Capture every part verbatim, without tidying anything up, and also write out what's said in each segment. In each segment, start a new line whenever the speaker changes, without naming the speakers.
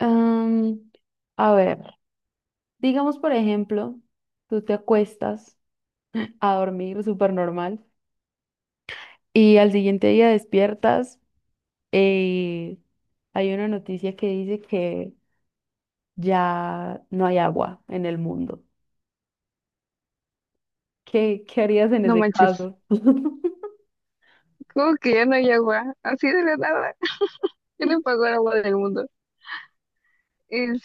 Am, a ver, digamos por ejemplo, tú te acuestas a dormir súper normal y al siguiente día despiertas y hay una noticia que dice que ya no hay agua en el mundo. ¿Qué, qué harías en
No
ese
manches,
caso?
como que ya no hay agua, así de la nada. ¿Quién le pagó el agua del mundo?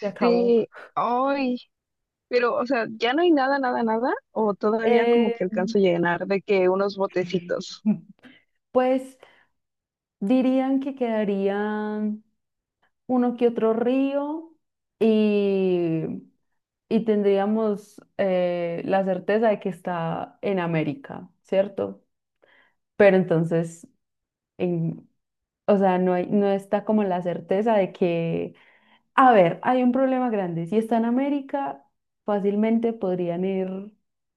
Se acabó.
ay, pero, o sea, ¿ya no hay nada, nada, nada? ¿O todavía como
Eh,
que alcanzo a llenar de que unos botecitos?
pues dirían que quedarían uno que otro río y y tendríamos eh, la certeza de que está en América, ¿cierto? Pero entonces, en, o sea, no hay- no está como la certeza de que, a ver, hay un problema grande. Si está en América, fácilmente podrían ir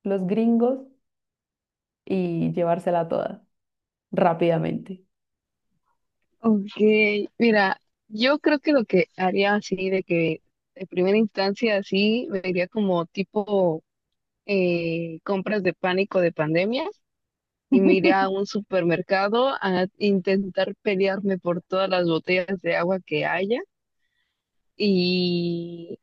los gringos y llevársela toda rápidamente.
Ok, mira, yo creo que lo que haría así de que de primera instancia así, me iría como tipo eh, compras de pánico de pandemia y me iría a un supermercado a intentar pelearme por todas las botellas de agua que haya. Y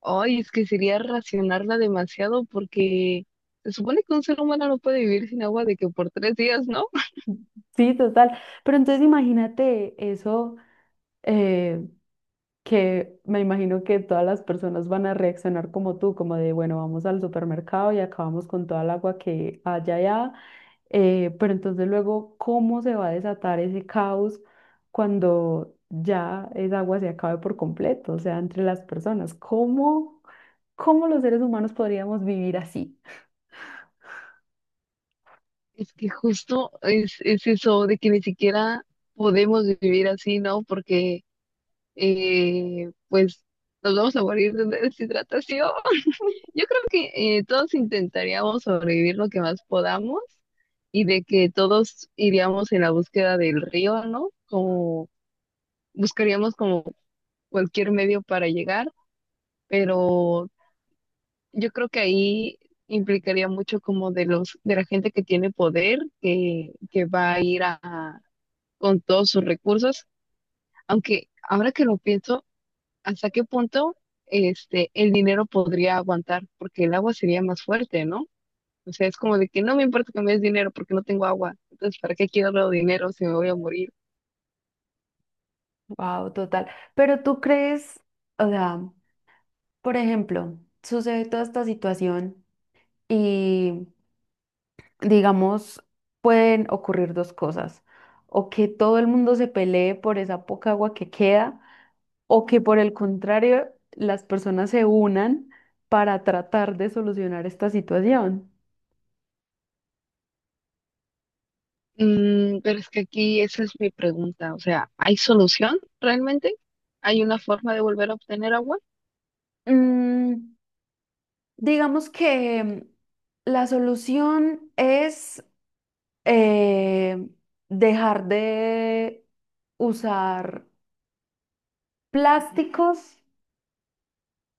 hoy es que sería racionarla demasiado porque se supone que un ser humano no puede vivir sin agua de que por tres días, ¿no?
Sí, total. Pero entonces imagínate eso. eh, que me imagino que todas las personas van a reaccionar como tú, como de, bueno, vamos al supermercado y acabamos con toda el agua que haya allá, eh, pero entonces luego, ¿cómo se va a desatar ese caos cuando ya esa agua se acabe por completo, o sea, entre las personas? ¿Cómo, ¿cómo los seres humanos podríamos vivir así?
Es que justo es, es eso de que ni siquiera podemos vivir así, ¿no? Porque eh, pues nos vamos a morir de deshidratación. Yo creo que eh, todos intentaríamos sobrevivir lo que más podamos y de que todos iríamos en la búsqueda del río, ¿no? Como buscaríamos como cualquier medio para llegar, pero yo creo que ahí implicaría mucho como de los, de la gente que tiene poder, que, que va a ir a, a- con todos sus recursos, aunque ahora que lo pienso, ¿hasta qué punto este el dinero podría aguantar? Porque el agua sería más fuerte, ¿no? O sea, es como de que no me importa que me des dinero porque no tengo agua. Entonces, ¿para qué quiero dinero si me voy a morir?
Wow, total. Pero tú crees, o sea, por ejemplo, sucede toda esta situación y digamos, pueden ocurrir dos cosas. O que todo el mundo se pelee por esa poca agua que queda, o que por el contrario, las personas se unan para tratar de solucionar esta situación.
Mm, pero es que aquí esa es mi pregunta. O sea, ¿hay solución realmente? ¿Hay una forma de volver a obtener agua?
Mm, digamos que la solución es eh, dejar de usar plásticos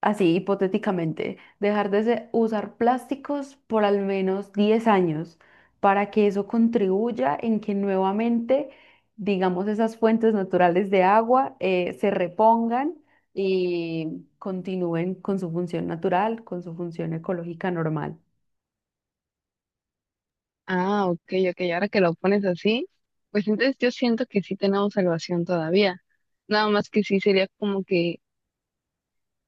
así hipotéticamente, dejar de se- usar plásticos por al menos diez años para que eso contribuya en que nuevamente, digamos, esas fuentes naturales de agua eh, se repongan y continúen con su función natural, con su función ecológica normal.
Ah, ok, ok. Ahora que lo pones así, pues entonces yo siento que sí tenemos salvación todavía. Nada más que sí sería como que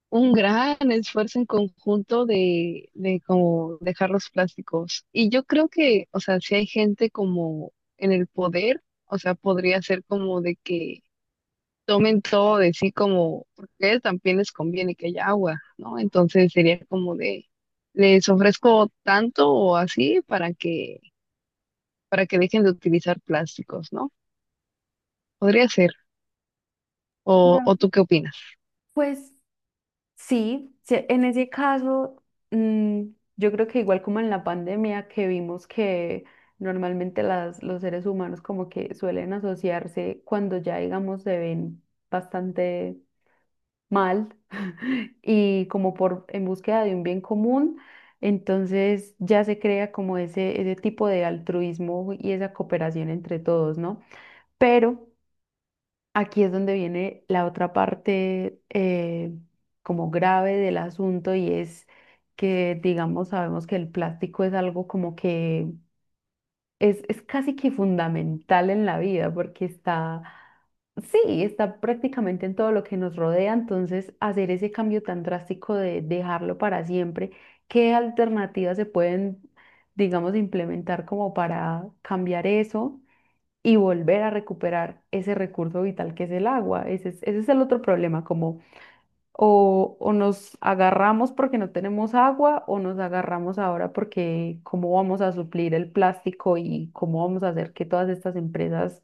un gran esfuerzo en conjunto de, de como dejar los plásticos. Y yo creo que, o sea, si hay gente como en el poder, o sea, podría ser como de que tomen todo de sí como, porque a ellos también les conviene que haya agua, ¿no? Entonces sería como de, les ofrezco tanto o así para que, para que dejen de utilizar plásticos, ¿no? Podría ser. ¿O,
Claro.
o tú qué opinas?
Pues sí, sí, en ese caso, mm, yo creo que igual como en la pandemia que vimos que normalmente las, los seres humanos como que suelen asociarse cuando ya digamos se ven bastante mal y como por en búsqueda de un bien común, entonces ya se crea como ese, ese tipo de altruismo y esa cooperación entre todos, ¿no? Pero aquí es donde viene la otra parte eh, como grave del asunto y es que, digamos, sabemos que el plástico es algo como que es, es casi que fundamental en la vida porque está, sí, está prácticamente en todo lo que nos rodea, entonces hacer ese cambio tan drástico de dejarlo para siempre, ¿qué alternativas se pueden, digamos, implementar como para cambiar eso? Y volver a recuperar ese recurso vital que es el agua. Ese es, ese es el otro problema, como o, o nos agarramos porque no tenemos agua o nos agarramos ahora porque cómo vamos a suplir el plástico y cómo vamos a hacer que todas estas empresas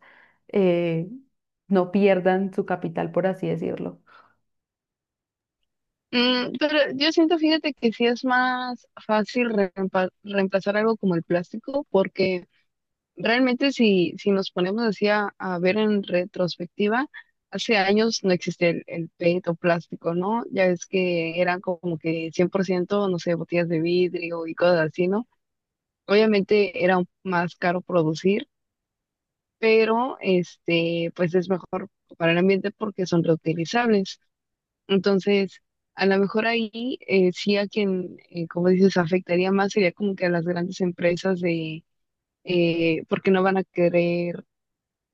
eh, no pierdan su capital, por así decirlo.
Mm, pero yo siento, fíjate que sí es más fácil reempa- reemplazar algo como el plástico porque realmente si, si nos ponemos así a, a ver en retrospectiva, hace años no existía el, el P E T o plástico, ¿no? Ya es que eran como que cien por ciento no sé, botellas de vidrio y cosas así, ¿no? Obviamente era un- más caro producir, pero este, pues es mejor para el ambiente porque son reutilizables. Entonces, a lo mejor ahí eh, sí a quien, eh, como dices, afectaría más sería como que a las grandes empresas de eh, porque no van a querer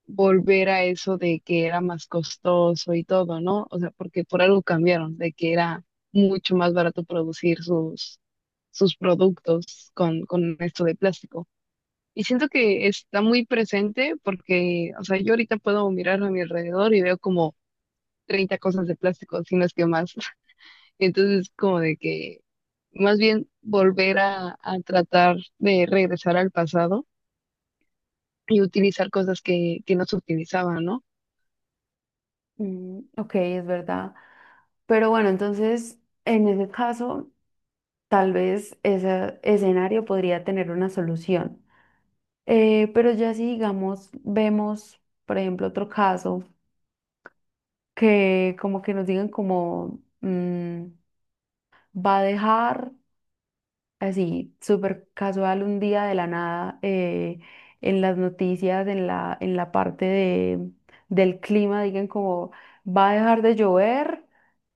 volver a eso de que era más costoso y todo, ¿no? O sea, porque por algo cambiaron, de que era mucho más barato producir sus, sus productos con, con esto de plástico. Y siento que está muy presente porque, o sea, yo ahorita puedo mirar a mi alrededor y veo como treinta cosas de plástico, si no es que más. Entonces, como de que más bien volver a, a tratar de regresar al pasado y utilizar cosas que, que no se utilizaban, ¿no?
Mm, ok, es verdad. Pero bueno, entonces, en ese caso, tal vez ese escenario podría tener una solución. Eh, pero ya si digamos, vemos, por ejemplo, otro caso que como que nos digan como mm, va a dejar así, súper casual un día de la nada eh, en las noticias, en la, en la parte de, del clima, digan como va a dejar de llover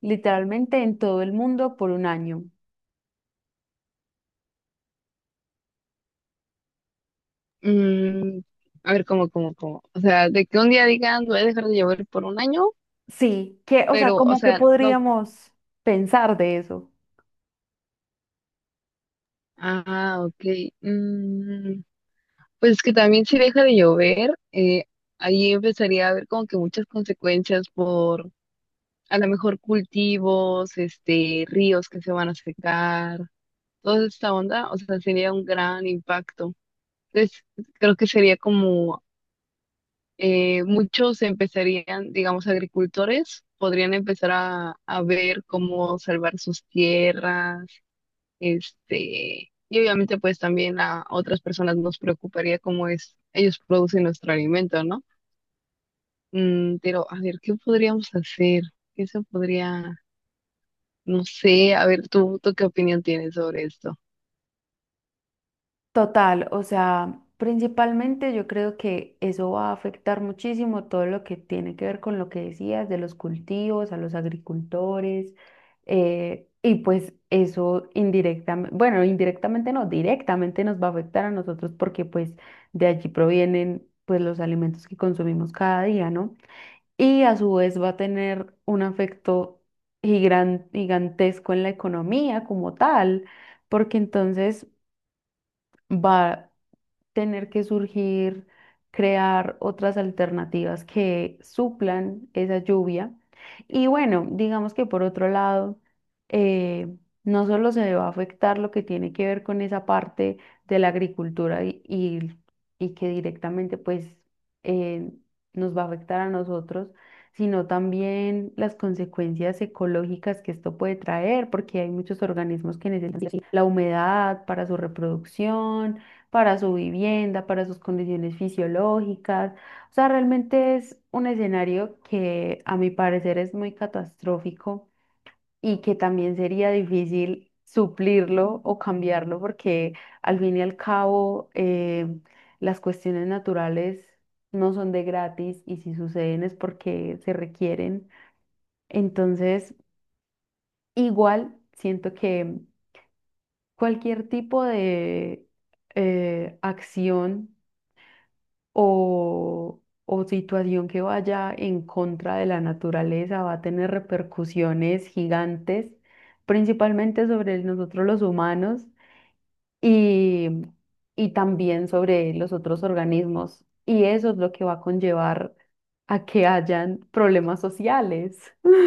literalmente en todo el mundo por un año.
Mm, a ver, ¿cómo, cómo, cómo? O sea, de que un día digan, voy a dejar de llover por un año,
Sí, que, o sea,
pero, o
como que
sea, no.
podríamos pensar de eso.
Ah, ok. Mm, pues es que también si deja de llover, eh, ahí empezaría a haber como que muchas consecuencias por, a lo mejor, cultivos, este, ríos que se van a secar, toda esta onda, o sea, sería un gran impacto. Entonces, creo que sería como eh, muchos empezarían, digamos, agricultores, podrían empezar a, a ver cómo salvar sus tierras, este, y obviamente pues también a otras personas nos preocuparía cómo es, ellos producen nuestro alimento, ¿no? Mm, pero a ver, ¿qué podríamos hacer? ¿Qué se podría, no sé, a ver, tú, tú qué opinión tienes sobre esto?
Total, o sea, principalmente yo creo que eso va a afectar muchísimo todo lo que tiene que ver con lo que decías de los cultivos, a los agricultores, eh, y pues eso indirectamente, bueno, indirectamente no, directamente nos va a afectar a nosotros porque pues de allí provienen pues los alimentos que consumimos cada día, ¿no? Y a su vez va a tener un afecto gigan- gigantesco en la economía como tal, porque entonces va tener que surgir, crear otras alternativas que suplan esa lluvia. Y bueno, digamos que por otro lado, eh, no solo se va a afectar lo que tiene que ver con esa parte de la agricultura y, y- y que directamente pues eh, nos va a afectar a nosotros, sino también las consecuencias ecológicas que esto puede traer, porque hay muchos organismos que necesitan la humedad para su reproducción para su vivienda, para sus condiciones fisiológicas. O sea, realmente es un escenario que a mi parecer es muy catastrófico y que también sería difícil suplirlo o cambiarlo porque al fin y al cabo eh, las cuestiones naturales no son de gratis y si suceden es porque se requieren. Entonces, igual siento que cualquier tipo de eh, acción o, o situación que vaya en contra de la naturaleza va a tener repercusiones gigantes, principalmente sobre nosotros los humanos y, y también sobre los otros organismos. Y eso es lo que va a conllevar a que hayan problemas sociales.